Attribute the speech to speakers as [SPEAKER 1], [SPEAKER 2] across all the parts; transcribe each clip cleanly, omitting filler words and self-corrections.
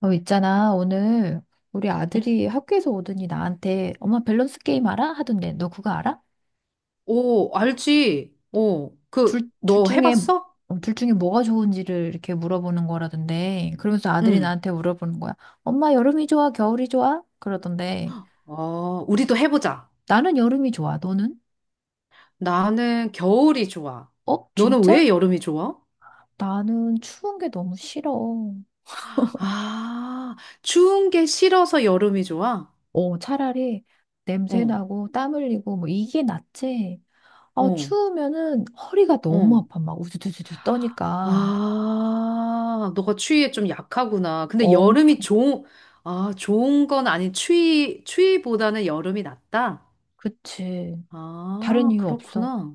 [SPEAKER 1] 있잖아. 오늘 우리
[SPEAKER 2] 응.
[SPEAKER 1] 아들이 학교에서 오더니 나한테 엄마 밸런스 게임 알아? 하던데 너 그거 알아?
[SPEAKER 2] 오, 알지? 오,
[SPEAKER 1] 둘, 둘
[SPEAKER 2] 너
[SPEAKER 1] 중에
[SPEAKER 2] 해봤어?
[SPEAKER 1] 둘 중에 뭐가 좋은지를 이렇게 물어보는 거라던데 그러면서 아들이
[SPEAKER 2] 응.
[SPEAKER 1] 나한테 물어보는 거야. 엄마 여름이 좋아? 겨울이 좋아? 그러던데
[SPEAKER 2] 어, 우리도 해보자.
[SPEAKER 1] 나는 여름이 좋아. 너는?
[SPEAKER 2] 나는 겨울이 좋아.
[SPEAKER 1] 어?
[SPEAKER 2] 너는
[SPEAKER 1] 진짜?
[SPEAKER 2] 왜 여름이 좋아?
[SPEAKER 1] 나는 추운 게 너무 싫어.
[SPEAKER 2] 아, 추운 게 싫어서 여름이 좋아?
[SPEAKER 1] 차라리 냄새
[SPEAKER 2] 어,
[SPEAKER 1] 나고 땀 흘리고 뭐 이게 낫지.
[SPEAKER 2] 어,
[SPEAKER 1] 추우면은 허리가 너무
[SPEAKER 2] 어.
[SPEAKER 1] 아파. 막 우두두두두 떠니까.
[SPEAKER 2] 아, 너가 추위에 좀 약하구나. 근데 여름이
[SPEAKER 1] 엄청.
[SPEAKER 2] 좋은, 아, 좋은 건 아닌, 추위보다는 여름이 낫다?
[SPEAKER 1] 그치. 다른
[SPEAKER 2] 아,
[SPEAKER 1] 이유 없어.
[SPEAKER 2] 그렇구나.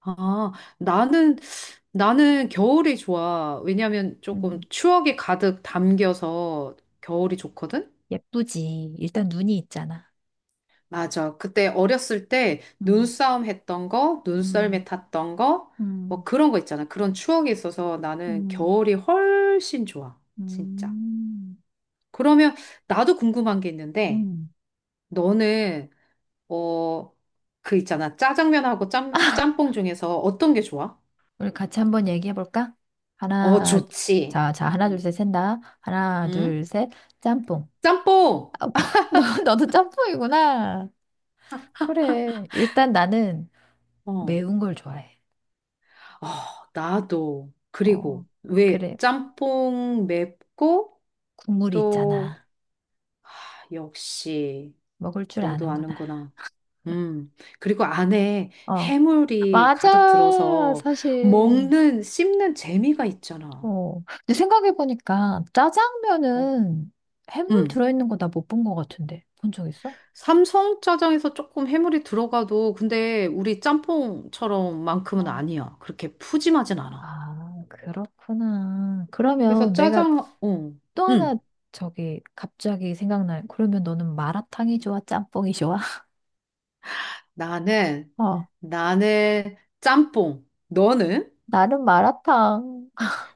[SPEAKER 2] 아, 나는, 나는 겨울이 좋아. 왜냐면 조금
[SPEAKER 1] 음.
[SPEAKER 2] 추억이 가득 담겨서 겨울이 좋거든?
[SPEAKER 1] 예쁘지. 일단 눈이 있잖아.
[SPEAKER 2] 맞아. 그때 어렸을 때
[SPEAKER 1] 음.
[SPEAKER 2] 눈싸움 했던 거,
[SPEAKER 1] 음.
[SPEAKER 2] 눈썰매 탔던 거, 뭐
[SPEAKER 1] 음.
[SPEAKER 2] 그런 거 있잖아. 그런 추억이 있어서 나는
[SPEAKER 1] 음.
[SPEAKER 2] 겨울이 훨씬 좋아. 진짜.
[SPEAKER 1] 음.
[SPEAKER 2] 그러면 나도 궁금한 게 있는데,
[SPEAKER 1] 음.
[SPEAKER 2] 너는, 어, 그 있잖아. 짜장면하고 짬뽕 중에서 어떤 게 좋아?
[SPEAKER 1] 우리 같이 한번 얘기해 볼까?
[SPEAKER 2] 어,
[SPEAKER 1] 하나,
[SPEAKER 2] 좋지.
[SPEAKER 1] 자, 자, 하나, 둘,
[SPEAKER 2] 응.
[SPEAKER 1] 셋, 샌다. 하나,
[SPEAKER 2] 응?
[SPEAKER 1] 둘, 셋, 짬뽕.
[SPEAKER 2] 짬뽕!
[SPEAKER 1] 너도 짬뽕이구나. 그래. 일단 나는
[SPEAKER 2] 어.
[SPEAKER 1] 매운 걸 좋아해.
[SPEAKER 2] 어, 나도.
[SPEAKER 1] 어,
[SPEAKER 2] 그리고, 왜
[SPEAKER 1] 그래.
[SPEAKER 2] 짬뽕 맵고,
[SPEAKER 1] 국물이
[SPEAKER 2] 또,
[SPEAKER 1] 있잖아.
[SPEAKER 2] 아, 역시,
[SPEAKER 1] 먹을 줄
[SPEAKER 2] 너도
[SPEAKER 1] 아는구나.
[SPEAKER 2] 아는구나. 음. 그리고 안에
[SPEAKER 1] 어,
[SPEAKER 2] 해물이 가득
[SPEAKER 1] 맞아.
[SPEAKER 2] 들어서
[SPEAKER 1] 사실.
[SPEAKER 2] 먹는, 씹는 재미가 있잖아.
[SPEAKER 1] 어. 근데 생각해보니까
[SPEAKER 2] 어.
[SPEAKER 1] 짜장면은 해물
[SPEAKER 2] 음.
[SPEAKER 1] 들어있는 거 나 못 본 거 같은데. 본 적 있어?
[SPEAKER 2] 삼성짜장에서 조금 해물이 들어가도, 근데 우리 짬뽕처럼만큼은
[SPEAKER 1] 어.
[SPEAKER 2] 아니야. 그렇게 푸짐하진 않아.
[SPEAKER 1] 아, 그렇구나.
[SPEAKER 2] 그래서
[SPEAKER 1] 그러면 내가
[SPEAKER 2] 짜장, 어.
[SPEAKER 1] 또 하나
[SPEAKER 2] 음.
[SPEAKER 1] 저기 갑자기 생각나. 그러면 너는 마라탕이 좋아? 짬뽕이 좋아?
[SPEAKER 2] 나는
[SPEAKER 1] 어.
[SPEAKER 2] 나는 짬뽕. 너는?
[SPEAKER 1] 나는 마라탕.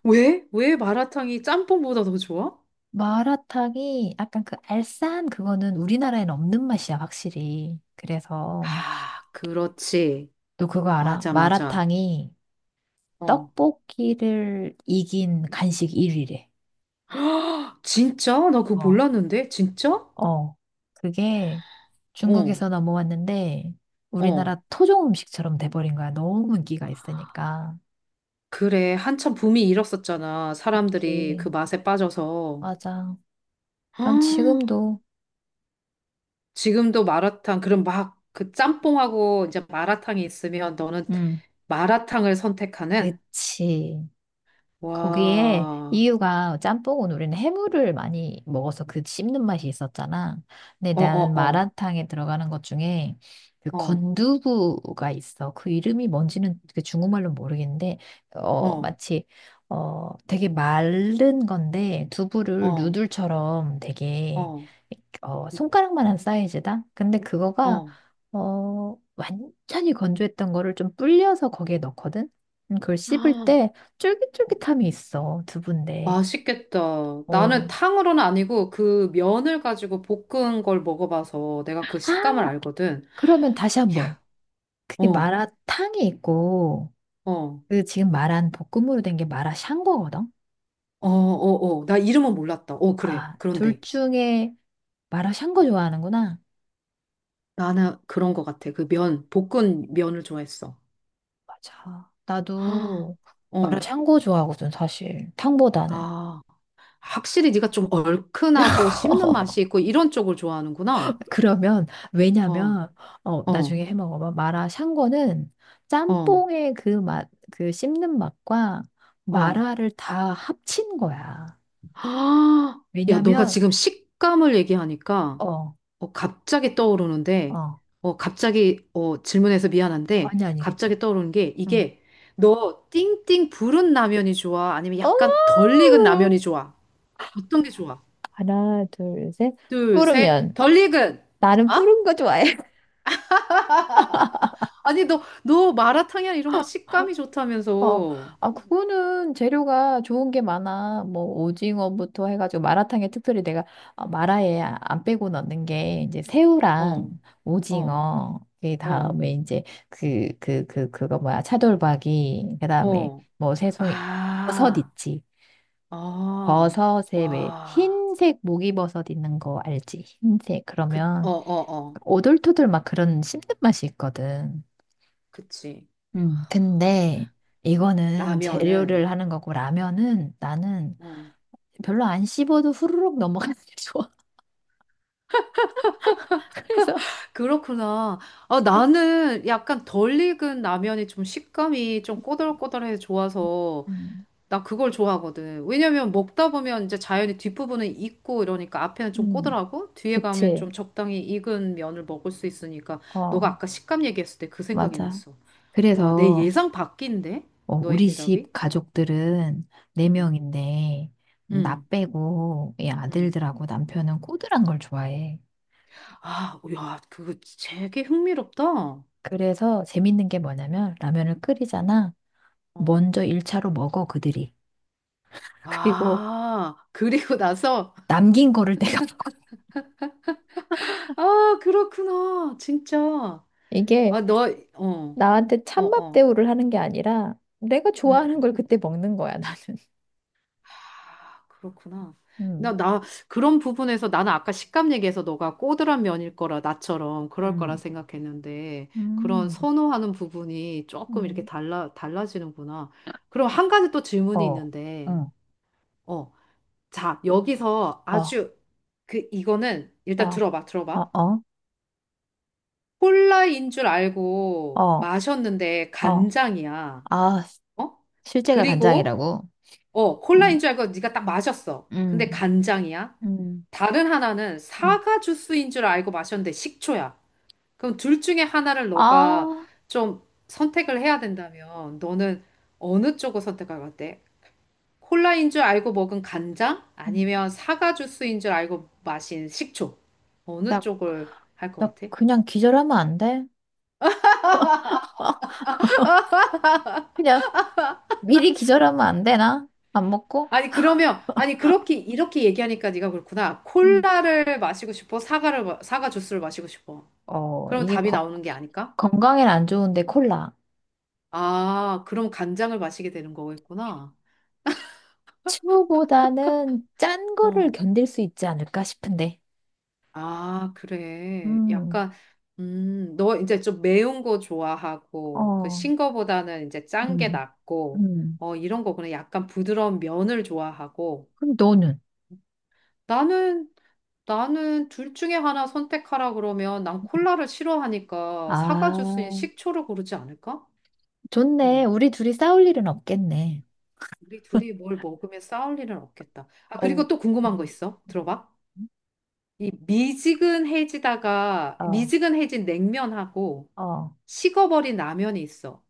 [SPEAKER 2] 왜? 왜 마라탕이 짬뽕보다 더 좋아?
[SPEAKER 1] 마라탕이 약간 그 알싸한 그거는 우리나라엔 없는 맛이야, 확실히. 그래서
[SPEAKER 2] 아, 그렇지.
[SPEAKER 1] 너 그거 알아?
[SPEAKER 2] 맞아, 맞아.
[SPEAKER 1] 마라탕이
[SPEAKER 2] 어.
[SPEAKER 1] 떡볶이를 이긴 간식 1위래.
[SPEAKER 2] 진짜? 나 그거 몰랐는데? 진짜?
[SPEAKER 1] 어, 그게
[SPEAKER 2] 어,
[SPEAKER 1] 중국에서 넘어왔는데
[SPEAKER 2] 어.
[SPEAKER 1] 우리나라 토종 음식처럼 돼버린 거야. 너무 인기가 있으니까.
[SPEAKER 2] 그래. 한참 붐이 일었었잖아. 사람들이
[SPEAKER 1] 그치.
[SPEAKER 2] 그 맛에 빠져서.
[SPEAKER 1] 맞아. 난
[SPEAKER 2] 아,
[SPEAKER 1] 지금도
[SPEAKER 2] 지금도 마라탕, 그럼 막 그 짬뽕하고 이제 마라탕이 있으면 너는
[SPEAKER 1] 응,
[SPEAKER 2] 마라탕을 선택하는?
[SPEAKER 1] 그치. 거기에
[SPEAKER 2] 와.
[SPEAKER 1] 이유가 짬뽕은 우리는 해물을 많이 먹어서 그 씹는 맛이 있었잖아. 근데
[SPEAKER 2] 어, 어,
[SPEAKER 1] 나는
[SPEAKER 2] 어.
[SPEAKER 1] 마라탕에 들어가는 것 중에 그
[SPEAKER 2] 어,
[SPEAKER 1] 건두부가 있어. 그 이름이 뭔지는 그 중국말로 모르겠는데,
[SPEAKER 2] 어,
[SPEAKER 1] 마치, 되게 마른 건데, 두부를
[SPEAKER 2] 어.
[SPEAKER 1] 누들처럼 되게,
[SPEAKER 2] 어,
[SPEAKER 1] 손가락만한 사이즈다? 근데 그거가,
[SPEAKER 2] 어.
[SPEAKER 1] 완전히 건조했던 거를 좀 불려서 거기에 넣거든? 그걸 씹을
[SPEAKER 2] 아,
[SPEAKER 1] 때 쫄깃쫄깃함이 있어, 두부인데.
[SPEAKER 2] 맛있겠다. 나는
[SPEAKER 1] 어.
[SPEAKER 2] 탕으로는 아니고 그 면을 가지고 볶은 걸 먹어봐서 내가 그
[SPEAKER 1] 아,
[SPEAKER 2] 식감을 알거든.
[SPEAKER 1] 그러면 다시 한 번.
[SPEAKER 2] 야,
[SPEAKER 1] 그게
[SPEAKER 2] 어,
[SPEAKER 1] 마라탕이 있고,
[SPEAKER 2] 어,
[SPEAKER 1] 그 지금 말한 볶음으로 된 게 마라샹궈거든?
[SPEAKER 2] 어, 어, 어. 나 이름은 몰랐다. 어, 그래.
[SPEAKER 1] 아, 둘
[SPEAKER 2] 그런데
[SPEAKER 1] 중에 마라샹궈 좋아하는구나.
[SPEAKER 2] 나는 그런 것 같아. 그 면, 볶은 면을 좋아했어.
[SPEAKER 1] 맞아.
[SPEAKER 2] 아,
[SPEAKER 1] 나도
[SPEAKER 2] 어,
[SPEAKER 1] 마라샹궈 좋아하거든, 사실. 탕보다는.
[SPEAKER 2] 아. 확실히 네가 좀 얼큰하고 씹는 맛이 있고 이런 쪽을 좋아하는구나.
[SPEAKER 1] 그러면,
[SPEAKER 2] 어,
[SPEAKER 1] 왜냐면,
[SPEAKER 2] 어,
[SPEAKER 1] 나중에 해 먹어봐. 마라샹궈는
[SPEAKER 2] 어,
[SPEAKER 1] 짬뽕의 그 맛, 그 씹는 맛과
[SPEAKER 2] 어.
[SPEAKER 1] 마라를 다 합친 거야.
[SPEAKER 2] 아, 야, 너가
[SPEAKER 1] 왜냐면,
[SPEAKER 2] 지금 식감을 얘기하니까
[SPEAKER 1] 어,
[SPEAKER 2] 어, 갑자기 떠오르는데,
[SPEAKER 1] 어.
[SPEAKER 2] 갑자기 질문해서 미안한데,
[SPEAKER 1] 아니, 아니,
[SPEAKER 2] 갑자기
[SPEAKER 1] 괜찮아.
[SPEAKER 2] 떠오르는 게
[SPEAKER 1] 응.
[SPEAKER 2] 이게 너 띵띵 부른 라면이 좋아? 아니면
[SPEAKER 1] 어!
[SPEAKER 2] 약간 덜 익은 라면이 좋아? 어떤 게 좋아?
[SPEAKER 1] 하나, 둘, 셋.
[SPEAKER 2] 둘, 셋,
[SPEAKER 1] 뿌르면.
[SPEAKER 2] 덜 익은!
[SPEAKER 1] 나는
[SPEAKER 2] 아?
[SPEAKER 1] 뿌른 거 좋아해.
[SPEAKER 2] 아니, 너 마라탕이나 이런 거 식감이
[SPEAKER 1] 어,
[SPEAKER 2] 좋다면서.
[SPEAKER 1] 아, 그거는 재료가 좋은 게 많아. 뭐, 오징어부터 해가지고 마라탕에 특별히 내가 아, 마라에 안 빼고 넣는 게 이제 새우랑
[SPEAKER 2] 어, 어,
[SPEAKER 1] 오징어, 그
[SPEAKER 2] 어,
[SPEAKER 1] 다음에 이제 그거 뭐야, 차돌박이, 그 다음에
[SPEAKER 2] 어.
[SPEAKER 1] 뭐 새송이, 버섯
[SPEAKER 2] 아,
[SPEAKER 1] 있지.
[SPEAKER 2] 아,
[SPEAKER 1] 버섯에 왜
[SPEAKER 2] 와.
[SPEAKER 1] 흰색 목이버섯 있는 거 알지? 흰색.
[SPEAKER 2] 그, 어,
[SPEAKER 1] 그러면
[SPEAKER 2] 어, 어.
[SPEAKER 1] 오돌토돌 막 그런 씹는 맛이 있거든.
[SPEAKER 2] 그치.
[SPEAKER 1] 음. 근데 이거는
[SPEAKER 2] 라면은.
[SPEAKER 1] 재료를 하는 거고 라면은 나는
[SPEAKER 2] 어.
[SPEAKER 1] 별로 안 씹어도 후루룩 넘어가는 게 좋아. 그래서
[SPEAKER 2] 그렇구나. 아, 나는 약간 덜 익은 라면이 좀 식감이 좀 꼬들꼬들해서 좋아서
[SPEAKER 1] 음,
[SPEAKER 2] 나 그걸 좋아하거든. 왜냐면 먹다 보면 이제 자연히 뒷부분은 익고 이러니까 앞에는 좀
[SPEAKER 1] 음,
[SPEAKER 2] 꼬들하고 뒤에 가면
[SPEAKER 1] 그치.
[SPEAKER 2] 좀 적당히 익은 면을 먹을 수 있으니까 너가
[SPEAKER 1] 어,
[SPEAKER 2] 아까 식감 얘기했을 때 그 생각이
[SPEAKER 1] 맞아.
[SPEAKER 2] 났어. 와, 내
[SPEAKER 1] 그래서
[SPEAKER 2] 예상 밖인데? 너의
[SPEAKER 1] 우리 집
[SPEAKER 2] 대답이?
[SPEAKER 1] 가족들은
[SPEAKER 2] 응,
[SPEAKER 1] 4명인데나
[SPEAKER 2] 응,
[SPEAKER 1] 빼고 이
[SPEAKER 2] 응.
[SPEAKER 1] 아들들하고 남편은 꼬들한 걸 좋아해.
[SPEAKER 2] 아, 야, 그거 되게 흥미롭다. 어,
[SPEAKER 1] 그래서 재밌는 게 뭐냐면 라면을 끓이잖아.
[SPEAKER 2] 어.
[SPEAKER 1] 먼저 1차로 먹어 그들이. 그리고
[SPEAKER 2] 아, 그리고 나서,
[SPEAKER 1] 남긴 거를 내가 먹어.
[SPEAKER 2] 아, 그렇구나. 진짜.
[SPEAKER 1] 이게
[SPEAKER 2] 아, 너, 어,
[SPEAKER 1] 나한테
[SPEAKER 2] 어,
[SPEAKER 1] 찬밥
[SPEAKER 2] 어.
[SPEAKER 1] 대우를 하는 게 아니라 내가 좋아하는
[SPEAKER 2] 음.
[SPEAKER 1] 걸 그때 먹는 거야, 나는.
[SPEAKER 2] 아, 그렇구나.
[SPEAKER 1] 음.
[SPEAKER 2] 나, 나, 그런 부분에서 나는 아까 식감 얘기해서 너가 꼬들한 면일 거라, 나처럼 그럴 거라
[SPEAKER 1] 음,
[SPEAKER 2] 생각했는데, 그런
[SPEAKER 1] 음,
[SPEAKER 2] 선호하는 부분이 조금 이렇게
[SPEAKER 1] 음,
[SPEAKER 2] 달라지는구나. 그럼 한 가지 또
[SPEAKER 1] 어,
[SPEAKER 2] 질문이 있는데,
[SPEAKER 1] 어,
[SPEAKER 2] 어, 자, 여기서
[SPEAKER 1] 어,
[SPEAKER 2] 이거는
[SPEAKER 1] 어,
[SPEAKER 2] 일단 들어봐,
[SPEAKER 1] 어,
[SPEAKER 2] 들어봐.
[SPEAKER 1] 어,
[SPEAKER 2] 콜라인 줄 알고
[SPEAKER 1] 어,
[SPEAKER 2] 마셨는데
[SPEAKER 1] 어.
[SPEAKER 2] 간장이야.
[SPEAKER 1] 아,
[SPEAKER 2] 어?
[SPEAKER 1] 실제가
[SPEAKER 2] 그리고
[SPEAKER 1] 간장이라고.
[SPEAKER 2] 어, 콜라인
[SPEAKER 1] 음.
[SPEAKER 2] 줄 알고 네가 딱 마셨어.
[SPEAKER 1] 음,
[SPEAKER 2] 근데 간장이야.
[SPEAKER 1] 음,
[SPEAKER 2] 다른 하나는
[SPEAKER 1] 음.
[SPEAKER 2] 사과 주스인 줄 알고 마셨는데 식초야. 그럼 둘 중에 하나를 너가
[SPEAKER 1] 아,
[SPEAKER 2] 좀 선택을 해야 된다면 너는 어느 쪽을 선택할 것 같아? 콜라인 줄 알고 먹은 간장?
[SPEAKER 1] 음.
[SPEAKER 2] 아니면 사과 주스인 줄 알고 마신 식초? 어느
[SPEAKER 1] 나,
[SPEAKER 2] 쪽을 할 것
[SPEAKER 1] 나
[SPEAKER 2] 같아?
[SPEAKER 1] 그냥 기절하면 안 돼? 그냥 미리 기절하면 안 되나? 안 먹고?
[SPEAKER 2] 아니 그러면 아니 그렇게 이렇게 얘기하니까 네가 그렇구나.
[SPEAKER 1] 음.
[SPEAKER 2] 콜라를 마시고 싶어? 사과를 마- 사과 주스를 마시고 싶어? 그러면
[SPEAKER 1] 이게
[SPEAKER 2] 답이 나오는 게 아닐까?
[SPEAKER 1] 건강엔 안 좋은데 콜라.
[SPEAKER 2] 아, 그럼 간장을 마시게 되는 거겠구나.
[SPEAKER 1] 츄보다는 짠 거를
[SPEAKER 2] 어.
[SPEAKER 1] 견딜 수 있지 않을까 싶은데.
[SPEAKER 2] 아, 그래.
[SPEAKER 1] 음,
[SPEAKER 2] 약간 너 이제 좀 매운 거 좋아하고 그
[SPEAKER 1] 어,
[SPEAKER 2] 신 거보다는 이제 짠 게
[SPEAKER 1] 음,
[SPEAKER 2] 낫고
[SPEAKER 1] 음.
[SPEAKER 2] 어, 이런 거구나. 약간 부드러운 면을 좋아하고
[SPEAKER 1] 그럼 너는?
[SPEAKER 2] 나는 나는 둘 중에 하나 선택하라 그러면 난 콜라를 싫어하니까 사과 주스인
[SPEAKER 1] 아,
[SPEAKER 2] 식초를 고르지 않을까?
[SPEAKER 1] 좋네.
[SPEAKER 2] 응.
[SPEAKER 1] 우리 둘이 싸울 일은 없겠네.
[SPEAKER 2] 우리 둘이 뭘 먹으면 싸울 일은 없겠다. 아,
[SPEAKER 1] 어우,
[SPEAKER 2] 그리고 또
[SPEAKER 1] 음,
[SPEAKER 2] 궁금한 거 있어. 들어봐.
[SPEAKER 1] 음.
[SPEAKER 2] 이 미지근해지다가
[SPEAKER 1] 어,
[SPEAKER 2] 미지근해진 냉면하고
[SPEAKER 1] 어,
[SPEAKER 2] 식어버린 라면이 있어.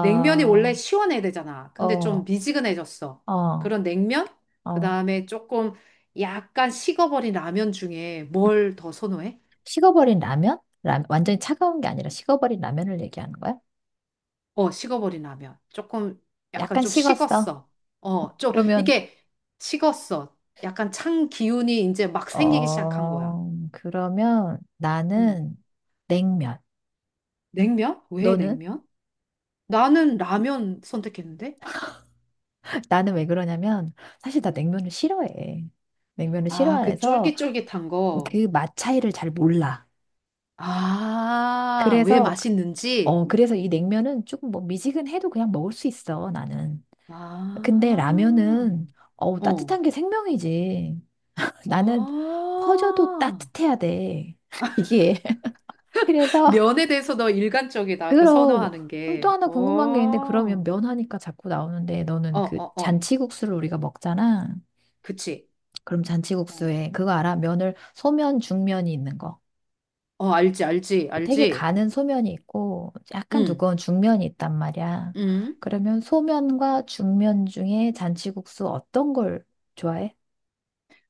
[SPEAKER 2] 냉면이 원래 시원해야 되잖아.
[SPEAKER 1] 어,
[SPEAKER 2] 근데 좀 미지근해졌어.
[SPEAKER 1] 어,
[SPEAKER 2] 그런 냉면?
[SPEAKER 1] 어.
[SPEAKER 2] 그다음에 조금 약간 식어버린 라면 중에 뭘 더 선호해?
[SPEAKER 1] 식어버린 라면? 완전히 차가운 게 아니라 식어버린 라면을 얘기하는 거야?
[SPEAKER 2] 어, 식어버린 라면. 약간
[SPEAKER 1] 약간
[SPEAKER 2] 좀
[SPEAKER 1] 식었어.
[SPEAKER 2] 식었어. 어, 좀,
[SPEAKER 1] 그러면,
[SPEAKER 2] 이렇게 식었어. 약간 찬 기운이 이제 막 생기기 시작한 거야.
[SPEAKER 1] 그러면
[SPEAKER 2] 음.
[SPEAKER 1] 나는 냉면.
[SPEAKER 2] 냉면? 왜
[SPEAKER 1] 너는?
[SPEAKER 2] 냉면? 나는 라면 선택했는데?
[SPEAKER 1] 나는 왜 그러냐면, 사실 나 냉면을 싫어해. 냉면을
[SPEAKER 2] 아, 그
[SPEAKER 1] 싫어해서
[SPEAKER 2] 쫄깃쫄깃한 거.
[SPEAKER 1] 그 맛 차이를 잘 몰라.
[SPEAKER 2] 아, 왜
[SPEAKER 1] 그래서,
[SPEAKER 2] 맛있는지?
[SPEAKER 1] 그래서 이 냉면은 조금 뭐 미지근해도 그냥 먹을 수 있어, 나는. 근데
[SPEAKER 2] 아,
[SPEAKER 1] 라면은, 어우,
[SPEAKER 2] 어.
[SPEAKER 1] 따뜻한 게 생명이지. 나는 퍼져도
[SPEAKER 2] 아.
[SPEAKER 1] 따뜻해야 돼. 이게. 그래서,
[SPEAKER 2] 면에 대해서 너 일관적이다. 그
[SPEAKER 1] 그럼
[SPEAKER 2] 선호하는
[SPEAKER 1] 그럼 또
[SPEAKER 2] 게.
[SPEAKER 1] 하나 궁금한 게 있는데 그러면
[SPEAKER 2] 오.
[SPEAKER 1] 면 하니까 자꾸 나오는데
[SPEAKER 2] 어,
[SPEAKER 1] 너는 그
[SPEAKER 2] 어, 어.
[SPEAKER 1] 잔치국수를 우리가 먹잖아.
[SPEAKER 2] 그치.
[SPEAKER 1] 그럼
[SPEAKER 2] 어.
[SPEAKER 1] 잔치국수에 그거 알아? 면을 소면, 중면이 있는 거.
[SPEAKER 2] 어, 알지, 알지,
[SPEAKER 1] 되게
[SPEAKER 2] 알지.
[SPEAKER 1] 가는 소면이 있고 약간
[SPEAKER 2] 응,
[SPEAKER 1] 두꺼운 중면이 있단 말이야.
[SPEAKER 2] 응.
[SPEAKER 1] 그러면 소면과 중면 중에 잔치국수 어떤 걸 좋아해?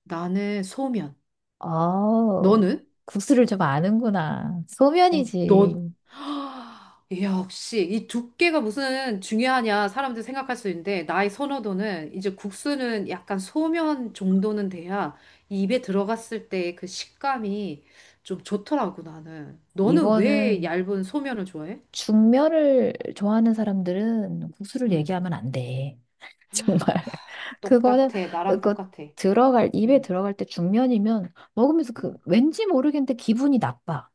[SPEAKER 2] 나는 소면.
[SPEAKER 1] 어,
[SPEAKER 2] 너는?
[SPEAKER 1] 국수를 좀 아는구나.
[SPEAKER 2] 어,
[SPEAKER 1] 소면이지.
[SPEAKER 2] 너. 역시 이 두께가 무슨 중요하냐 사람들 생각할 수 있는데 나의 선호도는 이제 국수는 약간 소면 정도는 돼야 입에 들어갔을 때 그 식감이 좀 좋더라고 나는. 너는 왜
[SPEAKER 1] 이거는
[SPEAKER 2] 얇은 소면을 좋아해?
[SPEAKER 1] 중멸을 좋아하는 사람들은 국수를
[SPEAKER 2] 응.
[SPEAKER 1] 얘기하면 안 돼. 정말. 그거는,
[SPEAKER 2] 똑같아. 나랑
[SPEAKER 1] 그거
[SPEAKER 2] 똑같아.
[SPEAKER 1] 입에
[SPEAKER 2] 응.
[SPEAKER 1] 들어갈 때 중면이면 먹으면서 그 왠지 모르겠는데 기분이 나빠.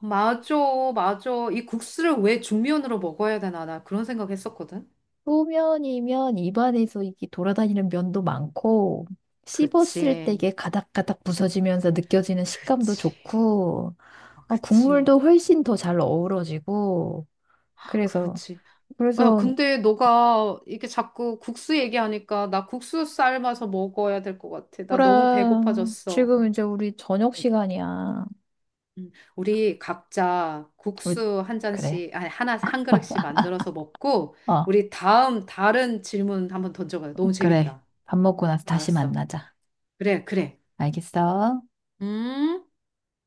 [SPEAKER 2] 맞아, 맞아. 이 국수를 왜 중면으로 먹어야 되나, 나 그런 생각 했었거든.
[SPEAKER 1] 소면이면 입안에서 이게 돌아다니는 면도 많고, 씹었을 때
[SPEAKER 2] 그치,
[SPEAKER 1] 이게 가닥가닥 부서지면서 느껴지는 식감도
[SPEAKER 2] 그치,
[SPEAKER 1] 좋고,
[SPEAKER 2] 아,
[SPEAKER 1] 어,
[SPEAKER 2] 그치.
[SPEAKER 1] 국물도 훨씬 더 잘 어우러지고,
[SPEAKER 2] 아,
[SPEAKER 1] 그래서,
[SPEAKER 2] 그렇지. 야,
[SPEAKER 1] 그래서,
[SPEAKER 2] 근데 너가 이렇게 자꾸 국수 얘기하니까 나 국수 삶아서 먹어야 될 것 같아. 나 너무
[SPEAKER 1] 그랑
[SPEAKER 2] 배고파졌어.
[SPEAKER 1] 지금 이제 우리 저녁 시간이야.
[SPEAKER 2] 우리 각자
[SPEAKER 1] 우리,
[SPEAKER 2] 국수 한
[SPEAKER 1] 그래.
[SPEAKER 2] 잔씩, 아니, 하나, 한 그릇씩 만들어서 먹고,
[SPEAKER 1] 어,
[SPEAKER 2] 우리 다음 다른 질문 한번 던져봐요. 너무
[SPEAKER 1] 그래.
[SPEAKER 2] 재밌다.
[SPEAKER 1] 밥 먹고 나서 다시
[SPEAKER 2] 알았어.
[SPEAKER 1] 만나자.
[SPEAKER 2] 그래, 그래.
[SPEAKER 1] 알겠어?
[SPEAKER 2] 음?